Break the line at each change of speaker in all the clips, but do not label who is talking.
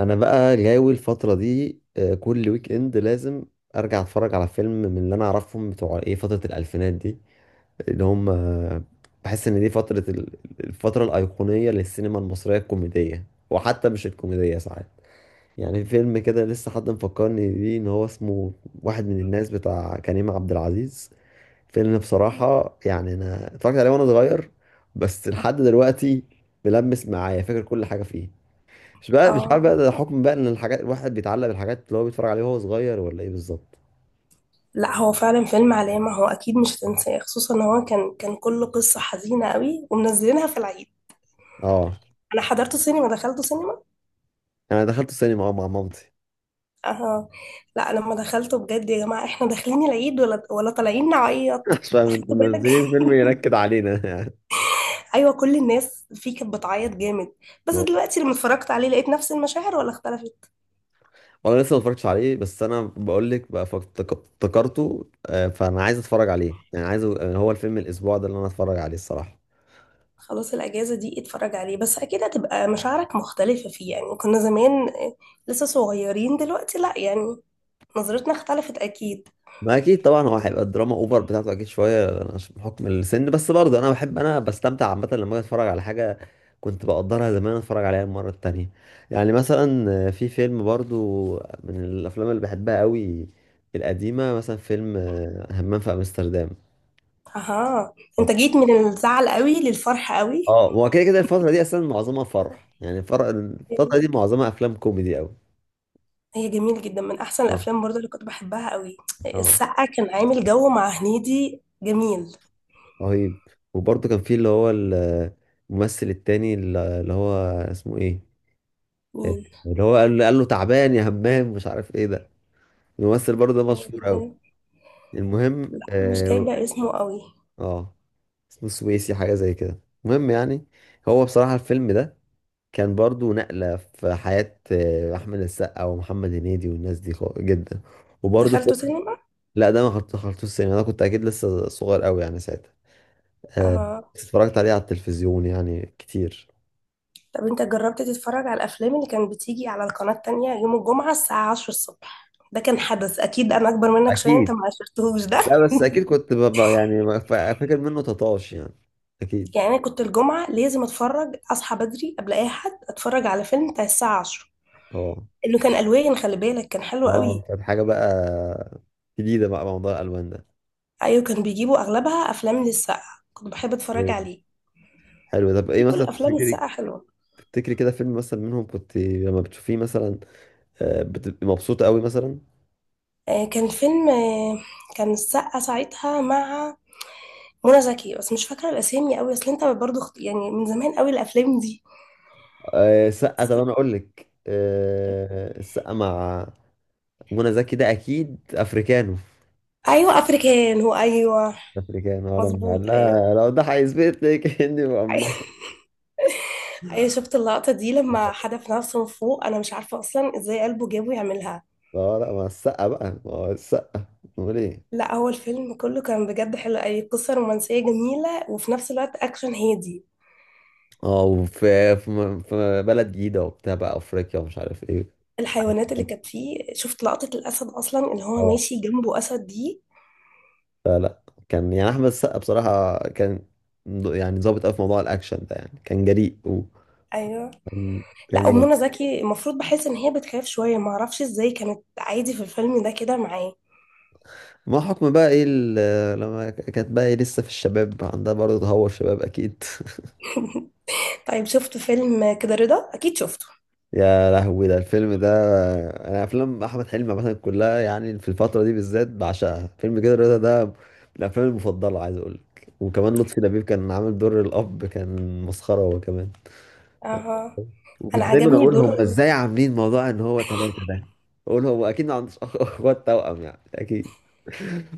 انا بقى جاوي الفتره دي كل ويك اند لازم ارجع اتفرج على فيلم من اللي انا اعرفهم بتوع ايه فتره الالفينات دي اللي هم بحس ان دي فتره الفتره الايقونيه للسينما المصريه الكوميديه، وحتى مش الكوميديه ساعات. يعني فيلم كده لسه حد مفكرني بيه ان هو اسمه واحد من الناس بتاع كريم عبد العزيز. فيلم بصراحه يعني انا اتفرجت عليه وانا صغير، بس لحد دلوقتي ملمس معايا، فاكر كل حاجه فيه. مش عارف
اه،
بقى ده حكم بقى ان الحاجات الواحد بيتعلق بالحاجات اللي هو بيتفرج عليها وهو صغير ولا ايه بالظبط.
لا هو فعلا فيلم علامة. هو اكيد مش هتنساه، خصوصا ان هو كان كله قصة حزينة قوي ومنزلينها في العيد.
اه،
انا حضرته سينما، دخلته سينما.
انا دخلت السينما اه مع مامتي.
اه، لا لما دخلته بجد يا جماعة، احنا داخلين العيد ولا طالعين نعيط؟
عشان
اخدت
انتوا
بالك؟
منزلين فيلم ينكد علينا يعني.
ايوه، كل الناس فيه كانت بتعيط جامد. بس
آه.
دلوقتي لما اتفرجت عليه لقيت نفس المشاعر، ولا اختلفت.
وانا لسه ما اتفرجتش عليه، بس انا بقول لك بقى افتكرته، فانا عايز اتفرج عليه يعني عايز، هو الفيلم الاسبوع ده اللي انا اتفرج عليه الصراحه.
خلاص، الاجازة دي اتفرج عليه، بس اكيد هتبقى مشاعرك مختلفة فيه، يعني كنا زمان آه، لسه صغيرين، دلوقتي لا، يعني نظرتنا اختلفت اكيد.
ما اكيد طبعا هو هيبقى الدراما اوفر بتاعته اكيد شويه عشان بحكم السن، بس برضه انا بحب، بستمتع عامه لما أجي اتفرج على حاجه كنت بقدرها زمان اتفرج عليها المره التانية. يعني مثلا في فيلم برضه من الافلام اللي بحبها قوي القديمه، مثلا فيلم همام في امستردام.
اها، انت جيت من الزعل قوي للفرح قوي.
اه، هو كده كده الفتره دي اصلا معظمها فرح، يعني الفتره دي معظمها افلام كوميدي قوي.
هي جميل جدا، من احسن
اه.
الافلام برضه اللي كنت بحبها قوي.
اه.
السقا كان عامل جو مع هنيدي جميل.
رهيب. وبرضه كان في اللي هو الممثل التاني اللي هو اسمه ايه،
مين؟
اللي هو قال له تعبان يا همام، مش عارف ايه ده. الممثل برضه ده مشهور قوي. المهم
لا مش
اه،
جايبه اسمه قوي.
آه، اسمه سويسي حاجه زي كده. المهم يعني هو بصراحه الفيلم ده كان برضه نقله في حياه احمد السقا ومحمد هنيدي والناس دي جدا. وبرضه
دخلته سينما.
لا ده ما حط- حطيتوش السينما، انا كنت اكيد لسه صغير قوي يعني ساعتها. آه،
اها،
بس اتفرجت عليه على التلفزيون يعني كتير.
طب انت جربت تتفرج على الافلام اللي كانت بتيجي على القناه التانية يوم الجمعه الساعه 10 الصبح؟ ده كان حدث اكيد، انا اكبر منك شويه، انت
اكيد.
ما عشرتهوش ده.
لا بس اكيد كنت ببقى يعني فاكر منه تطاش يعني. اكيد.
يعني انا كنت الجمعه لازم اتفرج، اصحى بدري قبل اي حد اتفرج على فيلم بتاع الساعه 10.
اه.
انه كان الوان، خلي بالك، كان حلو
اه،
قوي.
كانت حاجة بقى جديدة بقى موضوع الألوان ده.
ايوه، كان بيجيبوا اغلبها افلام للسقا، كنت بحب اتفرج
جامد.
عليه.
حلو، طب ايه
هي كل
مثلا
افلام
تفتكري؟
السقا حلوه.
تفتكري كده فيلم مثلا منهم كنت لما بتشوفيه مثلا بتبقي مبسوطة قوي مثلا؟
آه كان فيلم آه، كان السقا ساعتها مع منى زكي، بس مش فاكره الاسامي قوي، اصل انت برضو يعني من زمان قوي الافلام دي.
السقا، طب انا اقول لك، السقا مع منى زكي ده اكيد افريكانو.
ايوه افريكان، هو ايوه.
افريكانو، انا لما قال
مظبوط ايوه.
لها لو ده هيثبت لك اني مقمطة.
ايوه شفت اللقطه دي لما حدف نفسه من فوق؟ انا مش عارفه اصلا ازاي قلبه جابه يعملها.
اه، لا مع السقا بقى، ما هو السقا، امال ايه.
لا هو الفيلم كله كان بجد حلو، اي قصه رومانسيه جميله وفي نفس الوقت اكشن هادي.
اه، وفي، في، في بلد جديدة وبتاع بقى افريقيا ومش عارف ايه.
الحيوانات اللي كانت فيه، شفت لقطة الأسد أصلا اللي هو
اه
ماشي جنبه أسد دي؟
كان يعني احمد السقا بصراحه كان، يعني ظابط قوي في موضوع الاكشن ده، يعني كان جريء وكان،
أيوه.
كان
لا أم
جامد.
منى زكي المفروض بحس إن هي بتخاف شوية، معرفش إزاي كانت عادي في الفيلم ده كده معاه.
ما حكم بقى ايه لما كانت بقى ايه لسه في الشباب عندها برضه تهور شباب اكيد
طيب شفت فيلم كده رضا؟ أكيد شفته.
يا لهوي ده الفيلم ده! انا افلام احمد حلمي مثلا كلها يعني في الفتره دي بالذات بعشقها. فيلم كده رضا ده من الافلام المفضله، عايز اقول لك. وكمان لطفي لبيب كان عامل دور الاب، كان مسخره هو كمان.
أها،
وكنت
أنا
دايما
عجبني
اقول هم
دور
ازاي عاملين موضوع ان هو ثلاثه ده، اقول هو اكيد ما عندوش اخوات توأم يعني اكيد.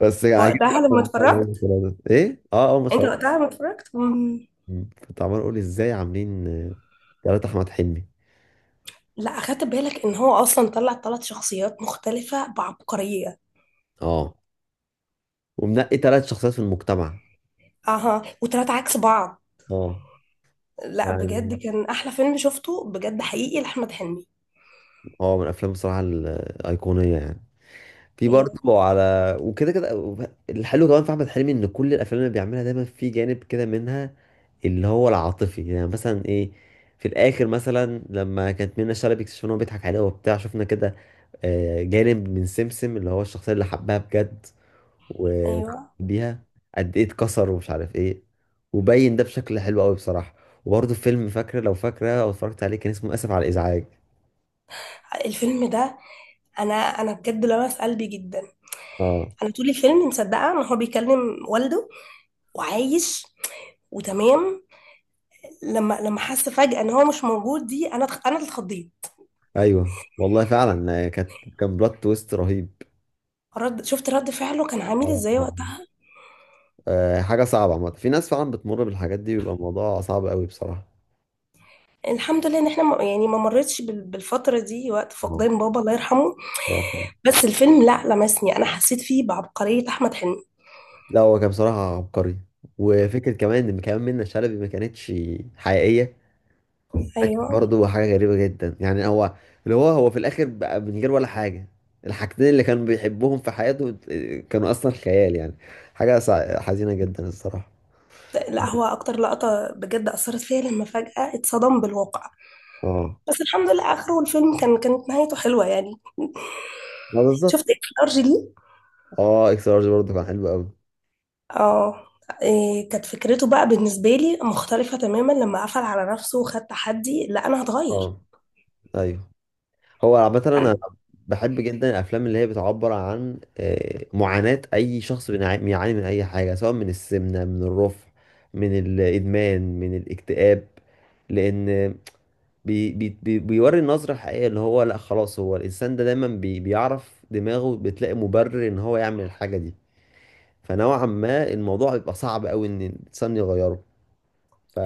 بس عاجبني
وقتها
أوي
لما
موضوع إن هم
اتفرجت،
ثلاثة. ايه، اه اه ما
أنت
اتفرجت،
وقتها لما اتفرجت
كنت عمال اقول ازاي عاملين ثلاثه احمد حلمي.
لا أخدت بالك إن هو أصلا طلع ثلاث شخصيات مختلفة بعبقرية؟
اه، ومنقي ثلاث شخصيات في المجتمع.
أها، وثلاثة عكس بعض.
اه.
لا
يعني
بجد كان أحلى فيلم شفته بجد، حقيقي لأحمد حلمي.
اه، من الافلام بصراحه الايقونيه يعني. في
أيوه.
برضه على وكده كده الحلو كمان في احمد حلمي ان كل الافلام اللي بيعملها دايما في جانب كده منها اللي هو العاطفي، يعني مثلا ايه، في الاخر مثلا لما كانت منى شلبي اكتشفنا ان هو بيضحك عليها وبتاع، شفنا كده جانب من سمسم اللي هو الشخصيه اللي حبها بجد
أيوه،
وبيها قد ايه اتكسر ومش عارف ايه. وبين ده بشكل حلو قوي بصراحه. وبرضه فيلم، فاكره لو فاكره او اتفرجت عليه، كان اسمه اسف على الازعاج.
الفيلم ده انا بجد لمس قلبي جدا.
اه،
انا طول الفيلم مصدقه ان هو بيكلم والده وعايش وتمام. لما حس فجاه ان هو مش موجود دي، انا انا اللي اتخضيت.
ايوه والله فعلا، كان بلوت تويست رهيب.
رد، شفت رد فعله كان عامل
آه،
ازاي
آه.
وقتها؟
آه، آه، حاجة صعبة عامة. في ناس فعلا بتمر بالحاجات دي، بيبقى الموضوع صعب قوي بصراحة.
الحمد لله ان احنا يعني ما مرتش بالفتره دي وقت
آه.
فقدان بابا، الله يرحمه.
الله يرحمه.
بس الفيلم لا لمسني، انا حسيت فيه بعبقريه احمد حلمي.
لا هو كان بصراحة عبقري. وفكرة كمان ان كمان منة شلبي ما كانتش حقيقية، ده كان
ايوه.
برضه حاجة غريبة جدا. يعني هو اللي هو هو في الاخر بقى من غير ولا حاجة، الحاجتين اللي كان بيحبهم في حياته كانوا اصلا خيال، يعني حاجة حزينة جدا الصراحة.
لا هو اكتر لقطه بجد اثرت فيا لما فجاه اتصدم بالواقع.
اه،
بس الحمد لله اخره الفيلم كان، كانت نهايته حلوه يعني.
ما
شفت
بالظبط.
ارجلي؟
اه، اكس لارج برضه كان حلو قوي.
اه، إيه كانت فكرته بقى بالنسبه لي مختلفه تماما، لما قفل على نفسه وخد تحدي لا انا هتغير.
اه. ايوه. هو عامة أنا بحب جدا الأفلام اللي هي بتعبر عن معاناة أي شخص بيعاني من أي حاجة، سواء من السمنة، من الرفع، من الإدمان، من الاكتئاب. لأن بي بيوري النظرة الحقيقية اللي هو لأ خلاص، هو الإنسان ده دايما بيعرف دماغه بتلاقي مبرر إن هو يعمل الحاجة دي. فنوعا ما الموضوع بيبقى صعب أوي إن الإنسان يغيره.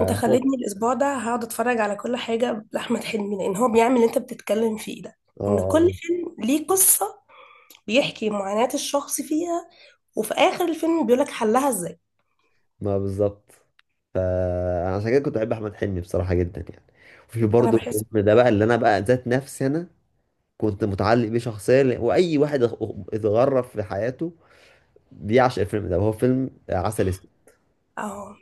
انت خليتني الاسبوع ده هقعد اتفرج على كل حاجه لاحمد حلمي، لان هو بيعمل اللي انت بتتكلم فيه ده.
آه
ان كل
آه،
فيلم ليه قصه، بيحكي معاناه الشخص فيها، وفي اخر الفيلم بيقولك حلها ازاي.
ما بالظبط. فعشان كده كنت بحب احمد حلمي بصراحه جدا يعني. وفي
انا
برضه
بحس
الفيلم ده بقى
بالطريقه.
اللي انا بقى ذات نفسي انا كنت متعلق بيه شخصيا، واي واحد اتغرف في حياته بيعشق الفيلم ده، وهو فيلم عسل اسود.
اه،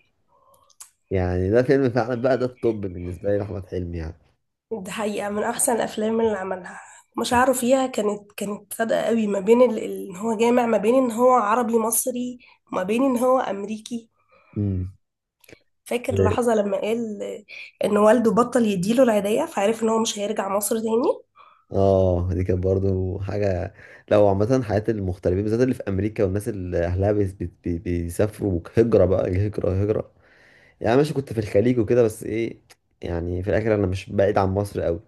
يعني ده فيلم فعلا، بقى ده الطب بالنسبه لي لاحمد حلمي يعني.
دي حقيقة من أحسن الأفلام اللي عملها. مشاعره فيها كانت صادقة قوي، ما بين إن هو جامع ما بين إن هو عربي مصري، وما بين إن هو أمريكي.
امم.
فاكر اللحظة لما قال إن والده بطل يديله العيدية، فعرف إن هو مش هيرجع مصر تاني.
اه دي كانت برضه حاجه، لو عامه حياه المغتربين بالذات اللي في امريكا، والناس اللي اهلها بيسافروا هجره بقى، هجره. يعني ماشي كنت في الخليج وكده، بس ايه، يعني في الاخر انا مش بعيد عن مصر قوي.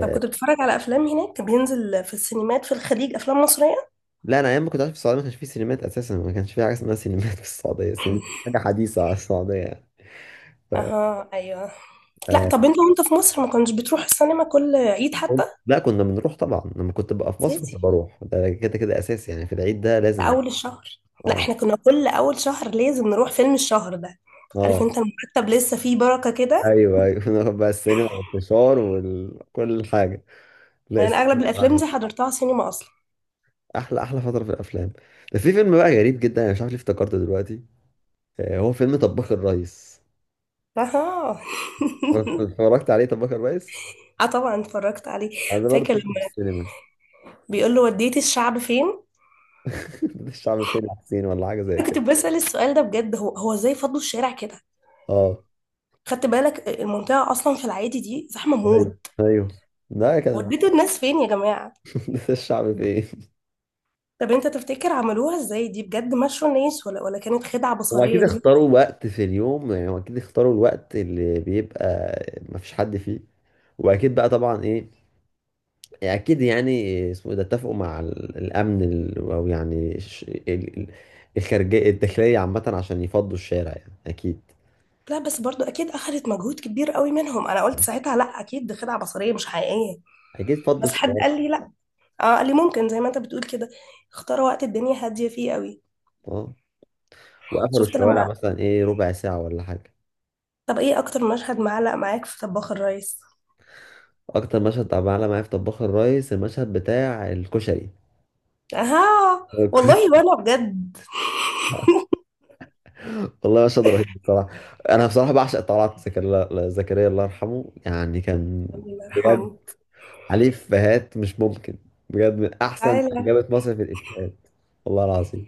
طب كنت بتتفرج على أفلام هناك؟ كان بينزل في السينمات في الخليج أفلام مصرية؟
لا انا ايام ما كنت عايش في السعوديه ما كانش في سينمات اساسا، ما كانش في حاجه اسمها سينمات في السعوديه. سينما حاجه حديثه على السعوديه يعني، ف...
أها أيوه. لا
آه،
طب أنت وأنت في مصر ما كنتش بتروح السينما كل عيد حتى؟
لا كنا بنروح طبعا، لما كنت ببقى في مصر كنت
أساسي.
بروح ده كده كده اساسي، يعني في العيد ده
ده
لازم.
اول الشهر. لا
اه.
احنا كنا كل اول شهر لازم نروح فيلم الشهر ده، عارف
اه.
انت المرتب لسه فيه بركة كده.
ايوه ايوه نروح بقى السينما والفشار وكل حاجه. لا
يعني
السينما
اغلب الافلام
بصراحة
دي حضرتها سينما اصلا.
احلى احلى فتره في الافلام. ده في فيلم بقى غريب جدا، انا مش عارف ليه افتكرته دلوقتي، هو فيلم طباخ الريس.
اها.
اتفرجت عليه طب بكر بايس.
اه طبعا اتفرجت عليه.
انا ده برضه
فاكر
شفته في
لما
السينما.
بيقول له وديتي الشعب فين؟
ده الشعب فين يا حسين ولا حاجه زي
انا كنت
كده.
بسأل السؤال ده بجد، هو هو ازاي فضوا الشارع كده؟
اه
خدت بالك المنطقة اصلا في العادي دي زحمة
ايوه
موت؟
ايوه. ده كان
وديتوا الناس فين يا جماعة؟
ده الشعب فين.
طب انت تفتكر عملوها ازاي دي بجد؟ مشوا الناس ولا كانت خدعة
هم
بصرية
اكيد
دي؟
اختاروا وقت في اليوم، يعني هم اكيد اختاروا الوقت اللي بيبقى مفيش حد فيه. واكيد بقى طبعا ايه، يعني اكيد يعني اسمه إيه ده، اتفقوا مع الامن او يعني ال- الخارجيه الداخليه عامه عشان يفضوا الشارع يعني اكيد.
لا بس برضو اكيد اخذت مجهود كبير قوي منهم، انا قلت ساعتها لا اكيد دي خدعه بصريه مش حقيقيه.
اكيد فضوا
بس حد
الشارع.
قال لي لا، اه قال لي ممكن زي ما انت بتقول كده، اختاروا وقت الدنيا هاديه فيه قوي.
اه، وقفلوا
شفت
الشوارع
لما،
مثلا ايه ربع ساعة ولا حاجة.
طب ايه اكتر مشهد معلق معاك في طباخ الريس؟
اكتر مشهد، طب معلم معايا في طباخ الريس المشهد بتاع الكشري.
اها. والله وانا بجد.
والله مشهد رهيب بصراحة. انا بصراحة بعشق طلعت زكريا، الله زكريا الله يرحمه، يعني كان
الله
بجد
يرحمه.
عليه افيهات مش ممكن. بجد من
طب
احسن
تعالى،
جابت مصر في الافيهات. والله العظيم.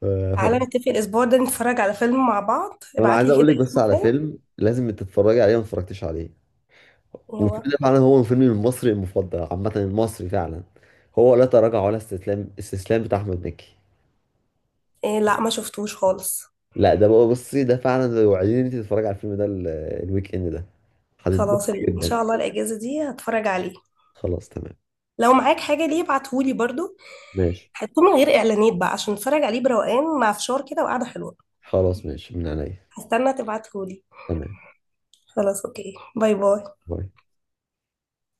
ف...
تعالى
ف...
نتفق الاسبوع ده نتفرج على فيلم مع بعض،
طب انا
ابعت
عايز
لي
اقول
كده
لك بس
اسم
على
فيلم.
فيلم لازم تتفرجي عليه، ما اتفرجتيش عليه. وفيلم
هو
ده فعلا هو فيلمي المصري المفضل، عامة المصري فعلا، هو لا تراجع ولا استسلام، استسلام بتاع أحمد مكي.
إيه؟ لا ما شفتوش خالص.
لا ده بقى بصي، ده فعلا لو عايزين انت تتفرجي على الفيلم ده الويك اند ده
خلاص،
هتتبسطي
ان
جدا.
شاء الله الاجازه دي هتفرج عليه.
خلاص تمام.
لو معاك حاجه ليه ابعتهولي برضو،
ماشي.
حطه من غير اعلانات بقى عشان اتفرج عليه بروقان مع فشار كده وقعده حلوه.
خلاص ماشي من عينيا.
هستنى تبعتهولي.
تمام.
خلاص اوكي، باي باي.
باي.